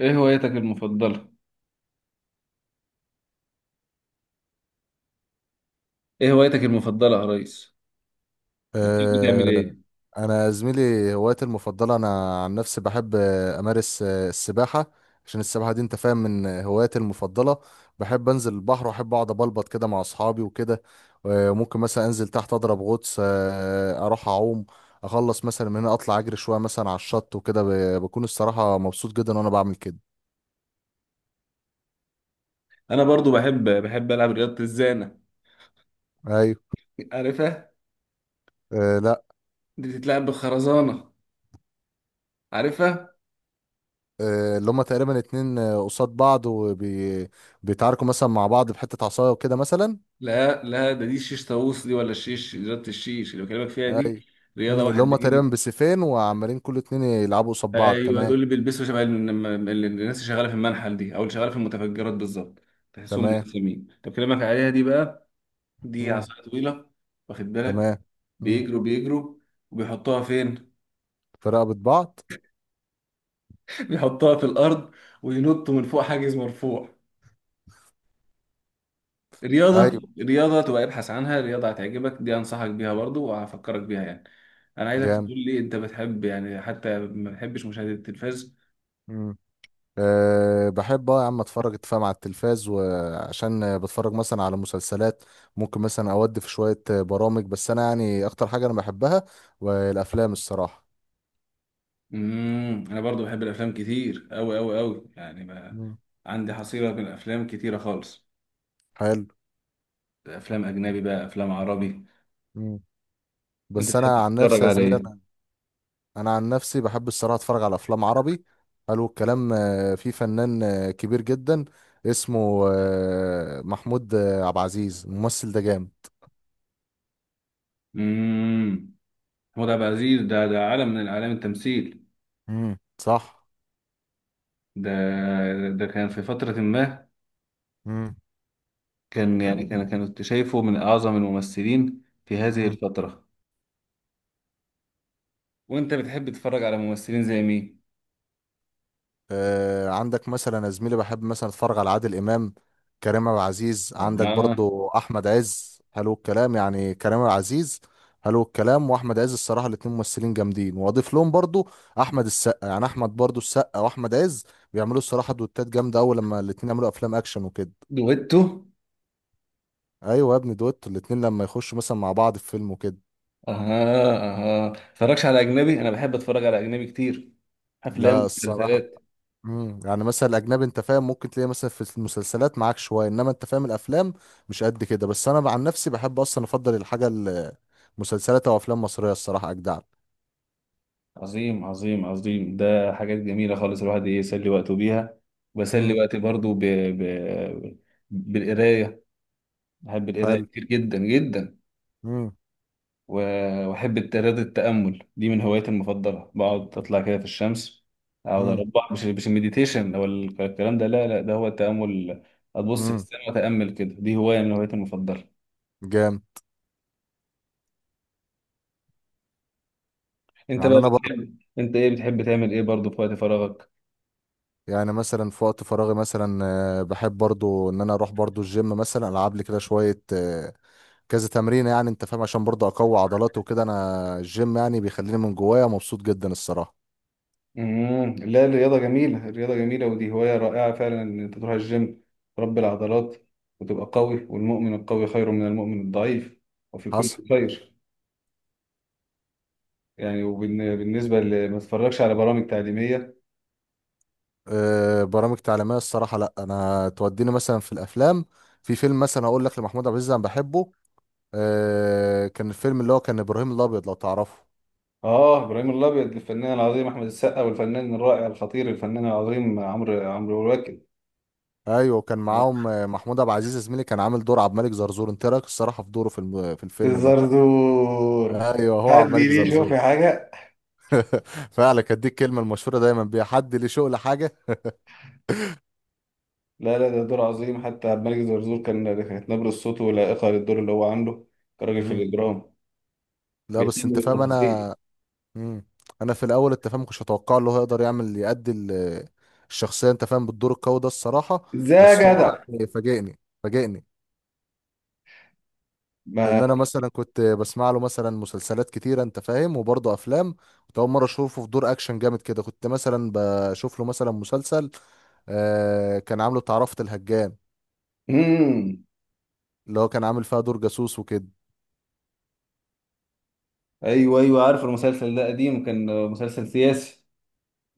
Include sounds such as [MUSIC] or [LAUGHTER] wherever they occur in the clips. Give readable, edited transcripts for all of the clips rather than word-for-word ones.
ايه هوايتك المفضلة؟ ايه هوايتك المفضلة يا ريس؟ بتحب تعمل آه. ايه؟ انا زميلي هوايتي المفضله، انا عن نفسي بحب امارس السباحه. عشان السباحه دي انت فاهم من هواياتي المفضله. بحب انزل البحر واحب اقعد ابلبط كده مع اصحابي وكده. ممكن مثلا انزل تحت اضرب غطس اروح اعوم. اخلص مثلا من هنا اطلع اجري شويه مثلا على الشط وكده بكون الصراحه مبسوط جدا وانا بعمل كده. انا برضو بحب العب رياضة الزانة. ايوه. عارفها؟ آه، لا. دي بتتلعب بالخرزانة. عارفها؟ آه، اللي هما تقريبا اتنين قصاد بعض وبيتعاركوا مثلا مع بعض بحتة عصاية وكده مثلا. لا لا، ده دي الشيش طاووس دي، ولا الشيش، رياضة الشيش اللي بكلمك فيها اي. دي، رياضة اللي واحد هم بيجري. تقريبا بسيفين وعمالين كل اتنين يلعبوا قصاد بعض. ايوه، تمام. دول اللي بيلبسوا شبه الناس اللي شغالة في المنحل دي، او اللي شغالة في المتفجرات بالظبط. تحسهم تمام. ملثمين. طب بكلمك عليها دي بقى. دي مم. عصاية طويلة، واخد بالك، تمام. مم. بيجروا بيجروا. وبيحطوها فين؟ في رقبة بعض. يحطها في الارض وينط من فوق حاجز مرفوع. ايوه. رياضه، رياضه تبقى ابحث عنها، رياضه هتعجبك دي، انصحك بيها برضو وهفكرك بيها يعني. انا عايزك جامد. تقول لي انت بتحب يعني، حتى ما بتحبش مشاهده التلفاز؟ مم. أه، بحب يا عم اتفرج اتفاهم على التلفاز، وعشان بتفرج مثلا على مسلسلات ممكن مثلا اودي في شوية برامج. بس انا يعني اكتر حاجة انا بحبها والافلام الصراحة. انا برضو بحب الافلام كتير اوي اوي اوي يعني. ما مم. عندي حصيله من الافلام كتيره خالص. حلو. افلام اجنبي بقى، افلام عربي. مم. انت بس بتحب انا عن نفسي تتفرج يا على زميلي، ايه؟ انا عن نفسي بحب الصراحه اتفرج على افلام عربي. حلو الكلام. في فنان كبير جدا اسمه محمود عبد العزيز. الممثل ده جامد. امم، هو ده عبد العزيز ده عالم من اعلام التمثيل. امم، صح. ده ده كان في فتره ما، امم. يعني كانت شايفه من أعظم الممثلين في هذه الفترة. وأنت بتحب تتفرج على ممثلين زي مين؟ عندك مثلا يا زميلي بحب مثلا اتفرج على عادل امام، كريم عبد العزيز، عندك آه. برضو احمد عز. حلو الكلام يعني كريم عبد العزيز. حلو الكلام. واحمد عز الصراحه الاتنين ممثلين جامدين، واضيف لهم برضو احمد السقا. يعني احمد برضو السقا واحمد عز بيعملوا الصراحه دوتات جامده قوي لما الاتنين يعملوا افلام اكشن وكده. دويتو. ايوه يا ابني، دوت الاتنين لما يخشوا مثلا مع بعض في فيلم وكده. أها أها، متفرجش على أجنبي؟ أنا بحب أتفرج على أجنبي كتير، أفلام لا الصراحه. ومسلسلات. امم، يعني مثلا الاجنبي انت فاهم ممكن تلاقي مثلا في المسلسلات معاك شويه، انما انت فاهم الافلام مش قد كده. بس انا عن نفسي بحب اصلا افضل الحاجه مسلسلات او افلام مصريه الصراحه اجدع. عظيم عظيم عظيم، ده حاجات جميلة خالص الواحد يسلي وقته بيها. بسلي امم. وقتي برضو بالقراية. بحب القراية حلو. كتير جدا جدا. امم. و- وأحب الترياضة، التأمل دي من هواياتي المفضلة، بقعد أطلع كده في الشمس، أقعد امم. أربع، مش المديتيشن أو الكلام ده، لا لا، ده هو التأمل. أبص في امم. السماء وأتأمل كده، دي هواية من هواياتي المفضلة. جام أنت يعني بقى انا برضه، بتحب، أنت إيه بتحب تعمل إيه برضه في وقت فراغك؟ يعني مثلا في وقت فراغي مثلا بحب برضه ان انا اروح برضه الجيم، مثلا العب لي كده شويه كذا تمرين يعني انت فاهم عشان برضه اقوي عضلاتي وكده. انا الجيم يعني بيخليني من جوايا مبسوط جدا الصراحه. امم، لا الرياضة جميلة، الرياضة جميلة، ودي هواية رائعة فعلا إن أنت تروح الجيم، تربي العضلات وتبقى قوي، والمؤمن القوي خير من المؤمن الضعيف، وفي كل حصل. خير. يعني وبالنسبة، اللي ما تتفرجش على برامج تعليمية؟ برامج تعليميه الصراحه لا، انا توديني مثلا في الافلام. في فيلم مثلا هقول لك لمحمود عبد العزيز انا بحبه. كان الفيلم اللي هو كان ابراهيم الابيض، لو تعرفه. اه ابراهيم الابيض، الفنان العظيم احمد السقا، والفنان الرائع الخطير الفنان العظيم عمرو واكد. ايوه كان معاهم محمود عبد العزيز زميلي كان عامل دور عبد الملك زرزور. انت إيه رايك الصراحه في دوره في في الفيلم ده؟ الزرزور. ايوه هو حد عبد الملك ليه يشوف زرزور. في حاجه. [LAUGHS] فعلا كانت دي الكلمه المشهوره دايما بيها، حد ليه شغل حاجه. لا لا، ده دور عظيم، حتى عبد الملك الزرزور كان، كانت نبره صوته لائقه للدور اللي هو عامله كراجل في مم. الاجرام. لا، بس بيهتم انت فاهم بالتفاصيل. انا. مم. انا في الاول انت فاهم ما كنتش اتوقع له هيقدر يعمل يأدي الشخصيه انت فاهم بالدور القوي ده الصراحه. ازاي يا بس هو جدع. يعني فاجئني فاجئني. لان ما. انا مثلا كنت بسمع له مثلا مسلسلات كتيره انت فاهم وبرضه افلام. كنت اول مره اشوفه في دور اكشن جامد كده. كنت مثلا بشوف له مثلا مسلسل كان عامله تعرفة الهجان، امم. اللي هو كان عامل فيها دور جاسوس وكده. ايوه ايوه، عارف المسلسل ده قديم كان، مسلسل سياسي.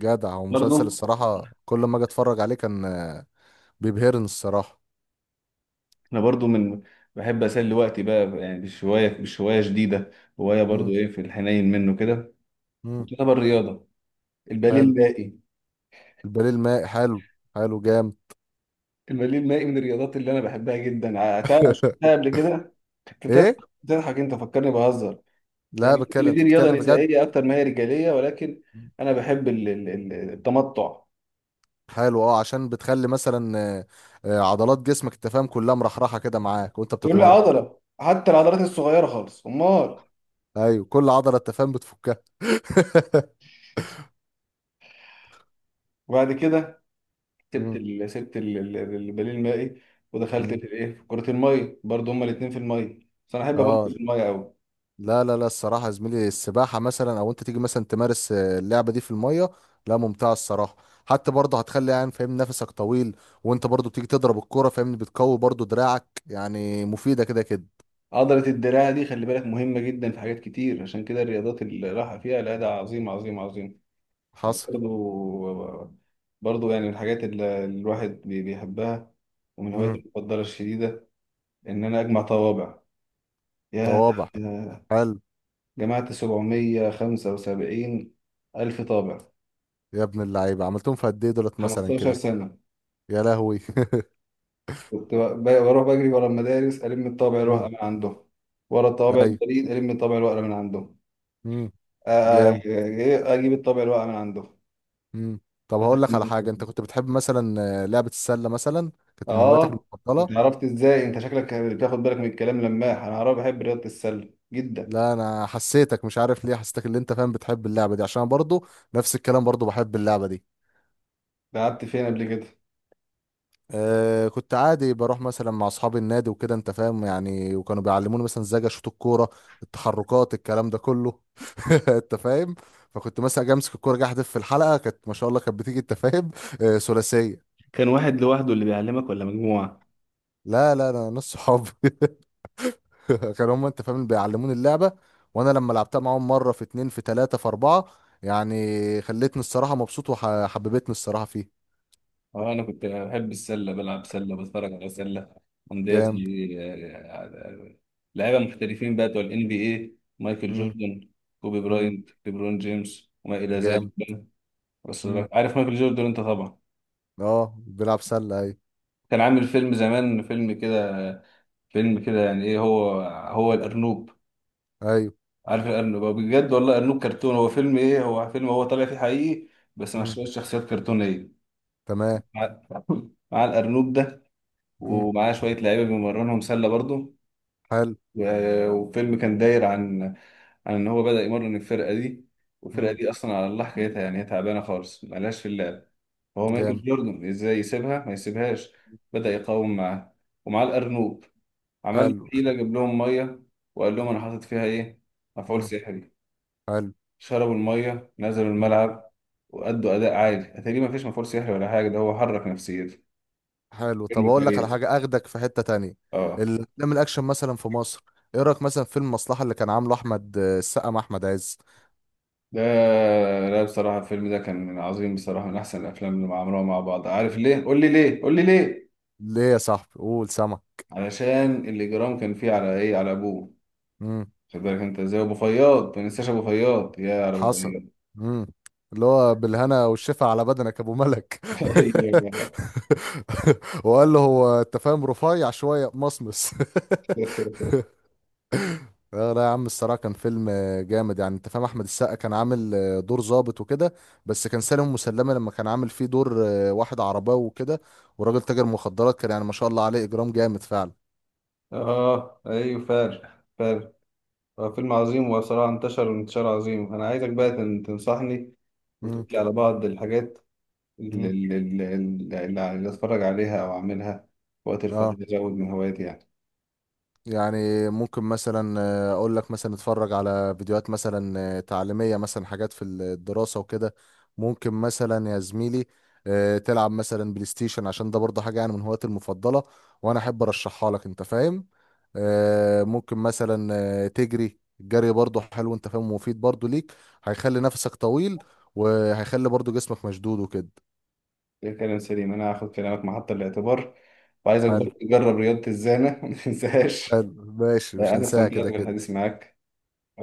جدع. ومسلسل برضه. الصراحه كل ما اجي اتفرج عليه كان بيبهرني الصراحه. انا برضو من، بحب اسلي وقتي بقى يعني بالشويه بالشويه شديده. هوايه برضو، مم. ايه، في الحنين منه كده. مم. وطلب الرياضه، الباليه حلو. المائي. الباليه الماء حلو. حلو جامد. الباليه المائي من الرياضات اللي انا بحبها جدا، عتاها شفتها [LAUGHS] قبل كده. كنت بتضحك؟ ايه؟ بتضحك انت؟ فكرني بهزر لا، يعني. بتكلم؟ اللي انت دي رياضه بتتكلم بجد. نسائيه اكتر ما هي رجاليه، ولكن انا بحب التمتع. حلو. اه، عشان بتخلي مثلا عضلات جسمك انت فاهم كلها مرحرحه كده معاك وانت تقول لي بتتمرن. عضله، حتى العضلات الصغيره خالص، امال. ايوه كل عضله انت فاهم بتفكها. [LAUGHS] وبعد كده مم. البديل المائي، ودخلت في مم. الايه، في كرة المية. برضو هما الاتنين في المية، بس انا احب ابطل اه. في المية قوي. لا لا لا الصراحه يا زميلي السباحه مثلا او انت تيجي مثلا تمارس اللعبه دي في الميه. لا ممتعه الصراحه. حتى برضه هتخلي يعني فاهم نفسك طويل. وانت برضه بتيجي تضرب الكوره فاهمني بتقوي برضه دراعك، يعني مفيده كده كده. عضلة الدراع دي خلي بالك مهمة جدا في حاجات كتير، عشان كده الرياضات اللي راحة فيها، لا ده عظيم عظيم عظيم. حصل. برضو، برضو يعني من الحاجات اللي الواحد بيحبها. ومن هواياتي المفضلة الشديدة إن أنا أجمع طوابع. يا. طوابع؟ حلو. جمعت 775 ألف طابع. يا ابن اللعيبه، عملتهم في قد ايه دولت مثلا 15 كده؟ سنة. يا لهوي. [LAUGHS] كنت بروح بجري ورا المدارس، ألم الطابع الورقة امم. من عندهم، ورا الطوابع ايوه. البريد ألم الطابع الورقة من عندهم. امم. آ- آ- جامد. إيه، أجيب الطابع الورقة من عندهم. امم. طب هقول لك على حاجه، انت كنت بتحب مثلا لعبه السله مثلا، كانت من هواياتك آه. المفضله؟ أنت عرفت إزاي؟ أنت شكلك بتاخد بالك من الكلام، لماح. أنا عارف، بحب رياضة السلة جدا. لا انا حسيتك مش عارف ليه، حسيتك اللي انت فاهم بتحب اللعبه دي، عشان أنا برضو نفس الكلام برضو بحب اللعبه دي. لعبت فين قبل كده؟ كنت عادي بروح مثلا مع اصحابي النادي وكده انت فاهم يعني، وكانوا بيعلموني مثلا ازاي اشوط الكوره، التحركات، الكلام ده كله. [LAUGHS] انت فاهم. فكنت مثلا اجي امسك الكوره جاي احدف في الحلقه، كانت ما شاء الله كانت بتيجي انت فاهم [LAUGHS] ثلاثيه. كان واحد لوحده اللي بيعلمك ولا مجموعة؟ لا لا انا نص صحابي. [LAUGHS] كانوا هم انت فاهم اللي بيعلموني اللعبه. وانا لما لعبتها معاهم مره في اتنين في تلاته في اربعه، يعني خلتني الصراحه مبسوط وحببتني الصراحه فيه. اه انا كنت بحب السله، بلعب سله، بتفرج على سله. عندي جامد. لعيبه محترفين بقى، بتوع الان بي اي، مايكل مم. جوردن، كوبي مم. براينت، ليبرون جيمس، وما الى ذلك جامد. بقى. بس، مم. عارف مايكل جوردن انت طبعا؟ اه، بيلعب سله، ايوه. كان عامل فيلم زمان، فيلم كده، فيلم كده يعني، ايه هو، هو الارنوب. ايوه. عارف الارنوب؟ هو بجد والله ارنوب كرتون، هو فيلم، ايه هو، فيلم هو طالع فيه حقيقي بس مع مم. شويه شخصيات كرتونيه، تمام. مع [LAUGHS] مع الارنوب ده، مم. ومعاه شويه لعيبه بيمرنهم سله برضه. حلو. و- وفيلم كان داير عن، عن ان هو بدأ يمرن الفرقه دي، والفرقه مم. دي اصلا على الله حكايتها يعني، هي تعبانه خالص، ملهاش في اللعب. هو مايكل جامد. جوردن ازاي يسيبها ما يسيبهاش؟ بدأ يقاوم معاه، ومعاه الارنوب، عمل حلو. حيله، جاب لهم ميه وقال لهم انا حاطط فيها ايه، مفعول مم. سحري. حلو. شربوا الميه، نزلوا الملعب، وأدوا أداء عالي. أتاري ما فيش مفعول سحري ولا حاجة، ده هو حرك نفسيته. حلو. طب فيلم اقول لك على كويس. حاجه، اخدك في حته تانية. اه. الافلام الاكشن مثلا في مصر، ايه رايك مثلا في فيلم المصلحه اللي كان عامله احمد السقا مع احمد عز؟ ده، لا بصراحة الفيلم ده كان عظيم بصراحة، من أحسن الأفلام اللي عملوها مع بعض. عارف ليه؟ قول لي ليه؟ قول لي ليه؟ ليه يا صاحبي، قول سما. علشان الإجرام كان فيه على إيه؟ على أبوه. امم. خد بالك أنت إزاي أبو فياض، ما ننساش أبو فياض، يا على أبو حصل. فياض. امم. اللي هو بالهنا والشفا على بدنك يا ابو ملك. [LAUGHS] أيوة. [LAUGHS] وقال له هو انت فاهم رفيع شويه مصمص. [LAUGHS] لا لا يا عم، الصراحة كان فيلم جامد يعني انت فاهم. احمد السقا كان عامل دور ظابط وكده. بس كان سالم مسلمة لما كان عامل فيه دور واحد عرباوي وكده، وراجل تاجر مخدرات، كان يعني ما شاء الله عليه اجرام جامد فعلا. آه أيوه فعلا فعلا. هو فيلم عظيم، وبصراحة انتشر انتشار عظيم. أنا عايزك بقى تنصحني مم. وتقول لي على بعض الحاجات مم. اللي اللي أتفرج عليها أو أعملها وقت الفراغ، اه، أزود من هواياتي يعني. يعني ممكن مثلا اقول لك مثلا اتفرج على فيديوهات مثلا تعليمية مثلا، حاجات في الدراسة وكده. ممكن مثلا يا زميلي تلعب مثلا بلاي ستيشن، عشان ده برضه حاجة يعني من هواياتي المفضلة، وانا احب ارشحها لك انت فاهم. ممكن مثلا تجري، الجري برضه حلو انت فاهم ومفيد برضه ليك. هيخلي نفسك طويل، وهيخلي برضه جسمك مشدود وكده. ده كلام سليم، انا هاخد كلامك محط الاعتبار. وعايزك حلو. برضه تجرب رياضة الزانة [LAUGHS] ما تنساهاش. حلو. ماشي، مش انا هنساها استمتعت كده كده. بالحديث معاك،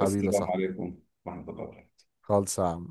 حبيبي صح. عليكم ورحمة الله وبركاته. خالص يا عم.